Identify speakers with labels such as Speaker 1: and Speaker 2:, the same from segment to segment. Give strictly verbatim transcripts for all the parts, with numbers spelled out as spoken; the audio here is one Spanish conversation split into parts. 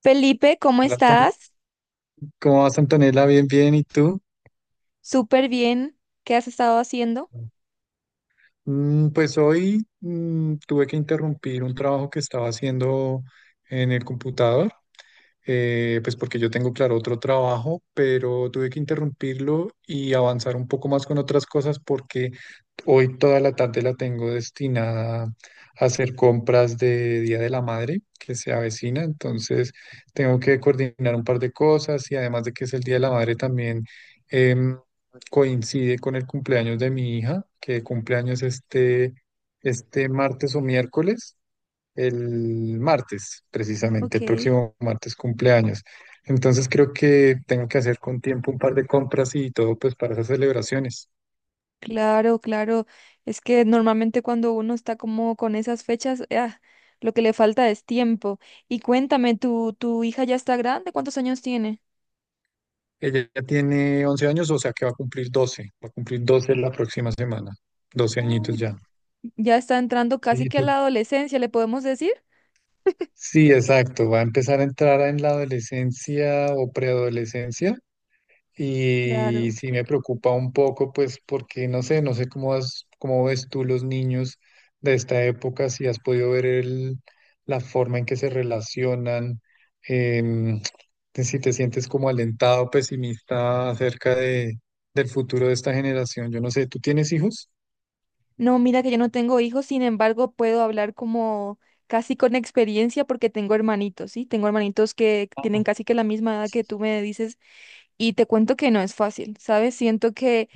Speaker 1: Felipe, ¿cómo
Speaker 2: Hola, Anton-
Speaker 1: estás?
Speaker 2: ¿cómo vas, Antonella? Bien, bien. ¿Y tú?
Speaker 1: Súper bien. ¿Qué has estado haciendo?
Speaker 2: Mm, pues hoy, mm, tuve que interrumpir un trabajo que estaba haciendo en el computador, eh, pues porque yo tengo, claro, otro trabajo, pero tuve que interrumpirlo y avanzar un poco más con otras cosas porque hoy toda la tarde la tengo destinada a hacer compras de Día de la Madre que se avecina. Entonces tengo que coordinar un par de cosas, y además de que es el Día de la Madre también, em, coincide con el cumpleaños de mi hija, que cumpleaños este, este martes o miércoles, el martes, precisamente,
Speaker 1: Ok,
Speaker 2: el próximo martes cumpleaños. Entonces creo que tengo que hacer con tiempo un par de compras y todo, pues para esas celebraciones.
Speaker 1: claro, claro. Es que normalmente cuando uno está como con esas fechas, ah, lo que le falta es tiempo. Y cuéntame, ¿tu, tu hija ya está grande? ¿Cuántos años tiene?
Speaker 2: Ella ya tiene once años, o sea que va a cumplir doce, va a cumplir doce la próxima semana, doce añitos
Speaker 1: Uy,
Speaker 2: ya.
Speaker 1: ya está entrando casi
Speaker 2: Sí,
Speaker 1: que a
Speaker 2: tú-
Speaker 1: la adolescencia, ¿le podemos decir?
Speaker 2: sí, exacto, va a empezar a entrar en la adolescencia o preadolescencia. Y
Speaker 1: Claro.
Speaker 2: sí me preocupa un poco, pues porque no sé, no sé cómo has- cómo ves tú los niños de esta época, si has podido ver el- la forma en que se relacionan, em, te- si te sientes como alentado, pesimista acerca de, del futuro de esta generación. Yo no sé, ¿tú tienes hijos?
Speaker 1: No, mira que yo no tengo hijos, sin embargo, puedo hablar como casi con experiencia porque tengo hermanitos, ¿sí? Tengo hermanitos que tienen casi que la misma edad que tú me dices. Y te cuento que no es fácil, ¿sabes? Siento que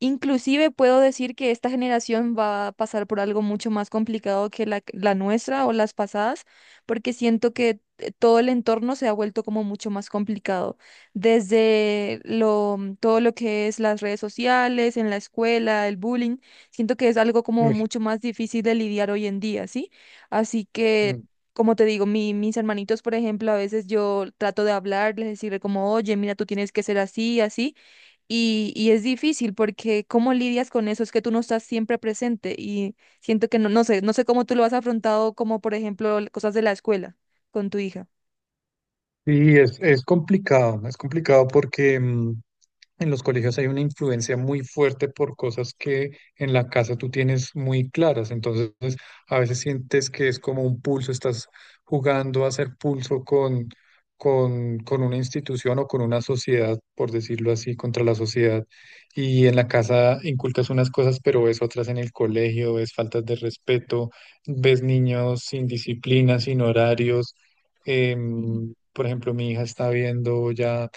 Speaker 1: inclusive puedo decir que esta generación va a pasar por algo mucho más complicado que la, la nuestra o las pasadas, porque siento que eh, todo el entorno se ha vuelto como mucho más complicado, desde lo, todo lo que es las redes sociales, en la escuela, el bullying. Siento que es algo
Speaker 2: No.
Speaker 1: como
Speaker 2: Uy,
Speaker 1: mucho más difícil de lidiar hoy en día, ¿sí? Así que
Speaker 2: mm.
Speaker 1: como te digo, mi- mis hermanitos, por ejemplo, a veces yo trato de hablarles, decirle como, oye, mira, tú tienes que ser así, así, y, y es difícil porque ¿cómo lidias con eso? Es que tú no estás siempre presente y siento que no, no sé, no sé cómo tú lo has afrontado, como por ejemplo l- cosas de la escuela con tu hija.
Speaker 2: Sí, es, es complicado, es complicado porque, mm, en los colegios hay una influencia muy fuerte por cosas que en la casa tú tienes muy claras. Entonces, a veces sientes que es como un pulso, estás jugando a hacer pulso con, con, con, una institución o con una sociedad, por decirlo así, contra la sociedad. Y en la casa inculcas unas cosas, pero ves otras en el colegio, ves faltas de respeto, ves niños sin disciplina, sin horarios.
Speaker 1: Sí.
Speaker 2: Em, por ejemplo, mi hija está viendo ya.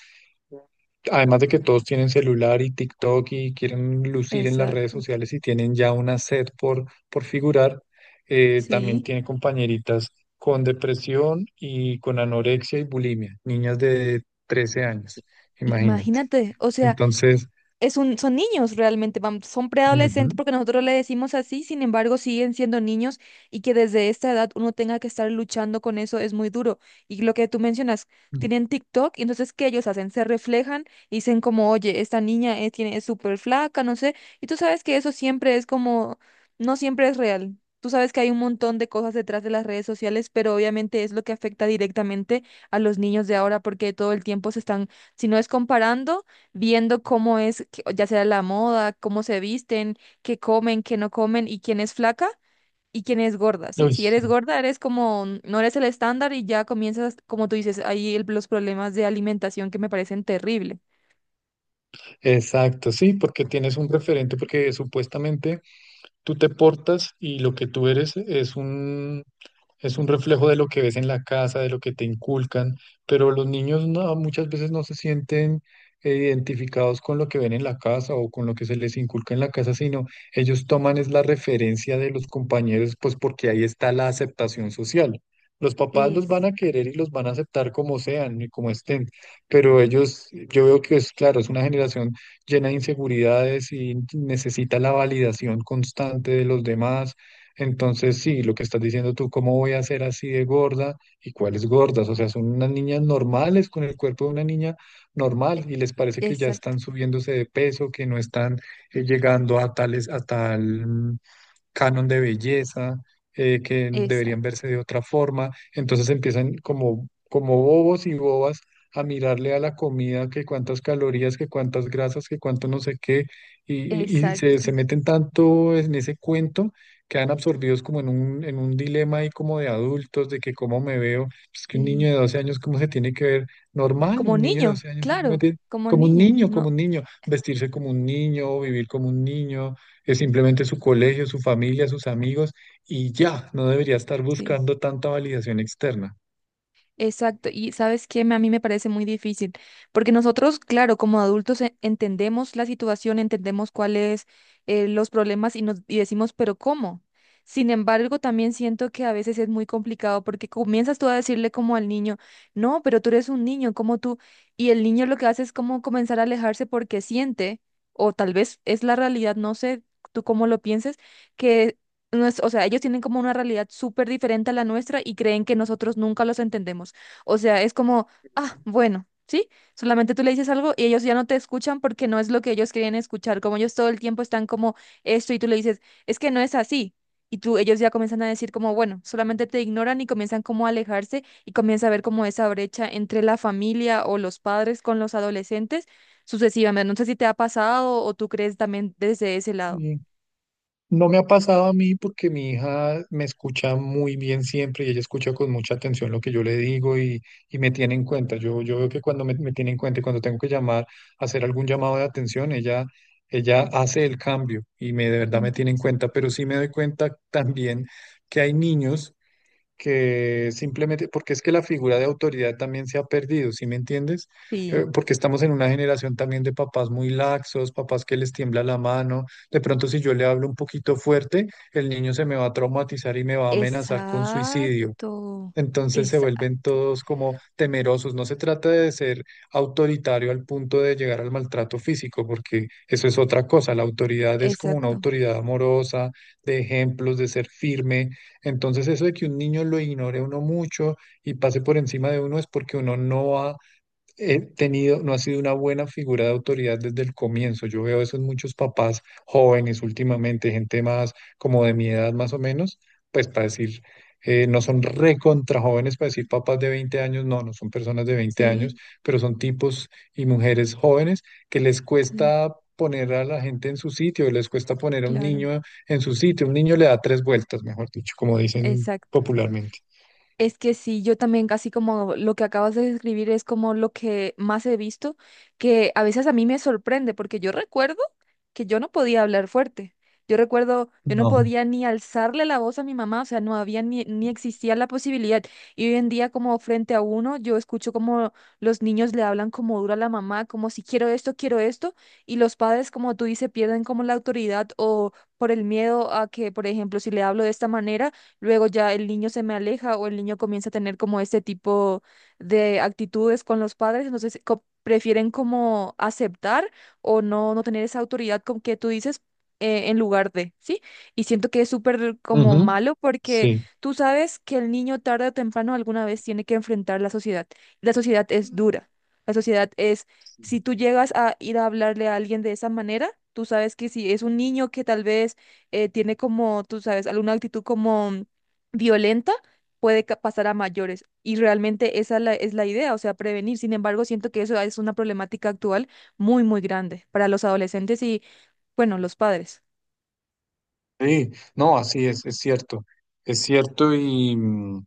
Speaker 2: Además de que todos tienen celular y TikTok y quieren lucir en las redes
Speaker 1: Exacto,
Speaker 2: sociales y tienen ya una sed por, por figurar, eh, también
Speaker 1: sí.
Speaker 2: tiene compañeritas con depresión y con anorexia y bulimia, niñas de 13 años, imagínate.
Speaker 1: Imagínate, o sea,
Speaker 2: Entonces,
Speaker 1: es un, son niños realmente, vam- son
Speaker 2: ujú,
Speaker 1: preadolescentes porque nosotros le decimos así, sin embargo siguen siendo niños, y que desde esta edad uno tenga que estar luchando con eso es muy duro. Y lo que tú mencionas, tienen TikTok, y entonces ¿qué ellos hacen? Se reflejan y dicen como, oye, esta niña es, tiene, es súper flaca, no sé, y tú sabes que eso siempre es como, no siempre es real. Tú sabes que hay un montón de cosas detrás de las redes sociales, pero obviamente es lo que afecta directamente a los niños de ahora porque todo el tiempo se están, si no es comparando, viendo cómo es, que- ya sea la moda, cómo se visten, qué comen, qué no comen y quién es flaca y quién es gorda, ¿sí?
Speaker 2: uy,
Speaker 1: Si eres
Speaker 2: sí,
Speaker 1: gorda, eres como, no eres el estándar y ya comienzas, como tú dices, ahí el- los problemas de alimentación que me parecen terrible.
Speaker 2: exacto, sí, porque tienes un referente, porque supuestamente tú te portas y lo que tú eres es un, es un reflejo de lo que ves en la casa, de lo que te inculcan, pero los niños no- muchas veces no se sienten, eh, identificados con lo que ven en la casa o con lo que se les inculca en la casa, sino ellos toman es la referencia de los compañeros, pues porque ahí está la aceptación social. Los papás los van
Speaker 1: Es,
Speaker 2: a querer y los van a aceptar como sean y como estén, pero ellos, yo veo que es claro, es una generación llena de inseguridades y necesita la validación constante de los demás. Entonces, sí, lo que estás diciendo tú, ¿cómo voy a ser así de gorda? ¿Y cuáles gordas? O sea, son unas niñas normales con el cuerpo de una niña normal
Speaker 1: e-
Speaker 2: y les parece que ya
Speaker 1: exacto,
Speaker 2: están subiéndose de peso, que no están, eh, llegando a tales, a tal canon de belleza, eh, que deberían
Speaker 1: exacto.
Speaker 2: verse de otra forma. Entonces empiezan como, como bobos y bobas a mirarle a la comida, que cuántas calorías, que cuántas grasas, que cuánto no sé qué, y, y- y se,
Speaker 1: Exacto.
Speaker 2: se meten tanto en ese cuento, que quedan absorbidos como en un, en un dilema ahí como de adultos, de que cómo me veo. Pues que un niño
Speaker 1: Sí.
Speaker 2: de doce años, ¿cómo se tiene que ver? Normal,
Speaker 1: Como
Speaker 2: un niño de
Speaker 1: niño,
Speaker 2: doce años,
Speaker 1: claro,
Speaker 2: simplemente
Speaker 1: como
Speaker 2: como un
Speaker 1: niño,
Speaker 2: niño,
Speaker 1: ¿no?
Speaker 2: como un niño, vestirse como un niño, vivir como un niño, es simplemente su colegio, su familia, sus amigos y ya, no debería estar
Speaker 1: Sí.
Speaker 2: buscando tanta validación externa.
Speaker 1: Exacto, y sabes qué, Me- a mí me parece muy difícil, porque nosotros, claro, como adultos e- entendemos la situación, entendemos cuáles eh, los problemas y nos y decimos, pero ¿cómo? Sin embargo, también siento que a veces es muy complicado porque comienzas tú a decirle como al niño, no, pero tú eres un niño, ¿como tú? Y el niño lo que hace es como comenzar a alejarse porque siente, o tal vez es la realidad, no sé tú cómo lo pienses, que no es- o sea, ellos tienen como una realidad súper diferente a la nuestra y creen que nosotros nunca los entendemos. O sea, es como, ah, bueno, ¿sí? Solamente tú le dices algo y ellos ya no te escuchan porque no es lo que ellos quieren escuchar. Como ellos todo el tiempo están como esto y tú le dices, es que no es así. Y tú, ellos ya comienzan a decir como, bueno, solamente te ignoran y comienzan como a alejarse y comienza a ver como esa brecha entre la familia o los padres con los adolescentes sucesivamente. No sé si te ha pasado o tú crees también desde ese lado.
Speaker 2: Y no me ha pasado a mí porque mi hija me escucha muy bien siempre y ella escucha con mucha atención lo que yo le digo, y, y me tiene en cuenta. Yo, yo veo que cuando me, me tiene en cuenta, y cuando tengo que llamar, hacer algún llamado de atención, ella, ella hace el cambio y me, de verdad me tiene en
Speaker 1: Interesante.
Speaker 2: cuenta. Pero sí me doy cuenta también que hay niños que simplemente, porque es que la figura de autoridad también se ha perdido, ¿sí me entiendes? Eh,
Speaker 1: Sí.
Speaker 2: porque estamos en una generación también de papás muy laxos, papás que les tiembla la mano, de pronto si yo le hablo un poquito fuerte, el niño se me va a traumatizar y me va a amenazar con
Speaker 1: Exacto,
Speaker 2: suicidio. Entonces se vuelven
Speaker 1: exacto,
Speaker 2: todos como temerosos. No se trata de ser autoritario al punto de llegar al maltrato físico, porque eso es otra cosa. La autoridad es como una
Speaker 1: exacto,
Speaker 2: autoridad amorosa, de ejemplos, de ser firme. Entonces eso de que un niño lo ignore a uno mucho y pase por encima de uno es porque uno no ha he tenido, no ha sido una buena figura de autoridad desde el comienzo. Yo veo eso en muchos papás jóvenes últimamente, gente más como de mi edad más o menos, pues para decir, eh, no son recontra jóvenes, para decir papás de veinte años, no, no son personas de veinte años,
Speaker 1: sí,
Speaker 2: pero son tipos y mujeres jóvenes que les
Speaker 1: sí,
Speaker 2: cuesta poner a la gente en su sitio, les cuesta poner a un
Speaker 1: claro,
Speaker 2: niño en su sitio, un niño le da tres vueltas, mejor dicho, como dicen
Speaker 1: exacto.
Speaker 2: popularmente.
Speaker 1: Es que sí, yo también casi como lo que acabas de describir es como lo que más he visto, que a veces a mí me sorprende, porque yo recuerdo que yo no podía hablar fuerte. Yo recuerdo, yo no
Speaker 2: No.
Speaker 1: podía ni alzarle la voz a mi mamá, o sea, no había ni, ni existía la posibilidad. Y hoy en día como frente a uno, yo escucho como los niños le hablan como duro a la mamá, como si quiero esto, quiero esto, y los padres, como tú dices, pierden como la autoridad o por el miedo a que, por ejemplo, si le hablo de esta manera luego ya el niño se me aleja o el niño comienza a tener como este tipo de actitudes con los padres, entonces co- prefieren como aceptar o no, no tener esa autoridad con que tú dices eh, en lugar de, ¿sí? Y siento que es súper como
Speaker 2: Ujú,
Speaker 1: malo porque
Speaker 2: sí.
Speaker 1: tú sabes que el niño tarde o temprano alguna vez tiene que enfrentar la sociedad. La sociedad es dura, la sociedad es... Si tú llegas a ir a hablarle a alguien de esa manera, tú sabes que si es un niño que tal vez eh, tiene como, tú sabes, alguna actitud como violenta puede ca- pasar a mayores. Y realmente esa la- es la idea, o sea, prevenir. Sin embargo, siento que eso es una problemática actual muy, muy grande para los adolescentes y, bueno, los padres.
Speaker 2: Sí, no, así es, es cierto, es cierto y, mm,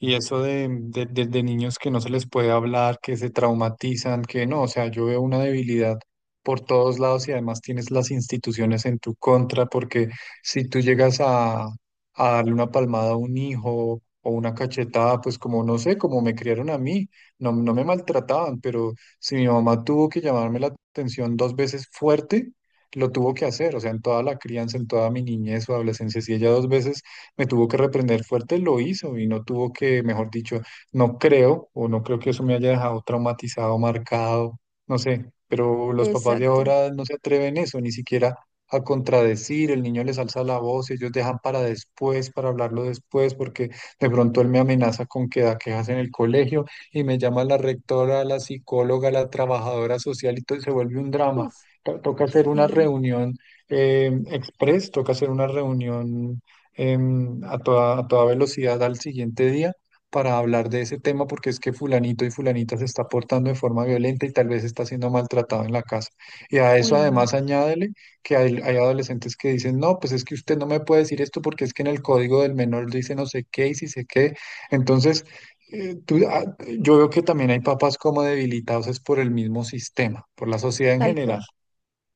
Speaker 2: y eso de, de, de- de niños que no se les puede hablar, que se traumatizan, que no, o sea, yo veo una debilidad por todos lados, y además tienes las instituciones en tu contra, porque si tú llegas a, a, darle una palmada a un hijo o una cachetada, pues como no sé, como me criaron a mí, no, no me maltrataban, pero si mi mamá tuvo que llamarme la atención dos veces fuerte, lo tuvo que hacer, o sea, en toda la crianza, en toda mi niñez o adolescencia, si ella dos veces me tuvo que reprender fuerte, lo hizo y no tuvo que, mejor dicho, no creo o no creo que eso me haya dejado traumatizado, marcado, no sé, pero los papás de
Speaker 1: Exacto.
Speaker 2: ahora no se atreven eso, ni siquiera a contradecir, el niño les alza la voz, ellos dejan para después, para hablarlo después, porque de pronto él me amenaza con que da quejas en el colegio y me llama la rectora, la psicóloga, la trabajadora social y todo, y se vuelve un drama.
Speaker 1: Uf,
Speaker 2: To- Toca hacer una
Speaker 1: sí.
Speaker 2: reunión, eh, express, toca hacer una reunión, em, a toda, a toda velocidad al siguiente día para hablar de ese tema porque es que fulanito y fulanita se está portando de forma violenta y tal vez está siendo maltratado en la casa. Y a eso
Speaker 1: Uy, no.
Speaker 2: además añádele que hay, hay adolescentes que dicen, no, pues es que usted no me puede decir esto porque es que en el código del menor dice no sé qué y si sé qué. Entonces, eh, tú- ah, yo veo que también hay papás como debilitados es por el mismo sistema, por la sociedad en
Speaker 1: Tal
Speaker 2: general.
Speaker 1: cual.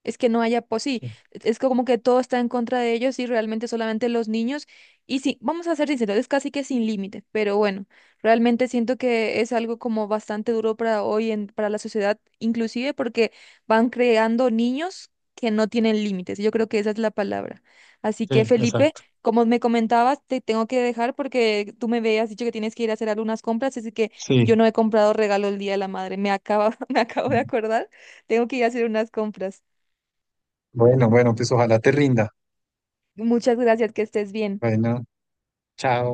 Speaker 1: Es que no haya, pues sí,
Speaker 2: Sí,
Speaker 1: e-, es como que todo está en contra de ellos y realmente solamente los niños. Y sí, vamos a ser sinceros, es casi que sin límite, pero bueno, realmente siento que es algo como bastante duro para hoy, en, para la sociedad, inclusive porque van creando niños que no tienen límites. Yo creo que esa es la palabra. Así que
Speaker 2: sí,
Speaker 1: Felipe,
Speaker 2: exacto.
Speaker 1: como me comentabas, te tengo que dejar porque tú me habías dicho que tienes que ir a hacer algunas compras, así que yo
Speaker 2: Sí.
Speaker 1: no he comprado regalo el Día de la Madre. Me acaba, me acabo de acordar, tengo que ir a hacer unas compras.
Speaker 2: Bueno, bueno, pues ojalá te rinda.
Speaker 1: Muchas gracias, que estés bien.
Speaker 2: Bueno. Chao.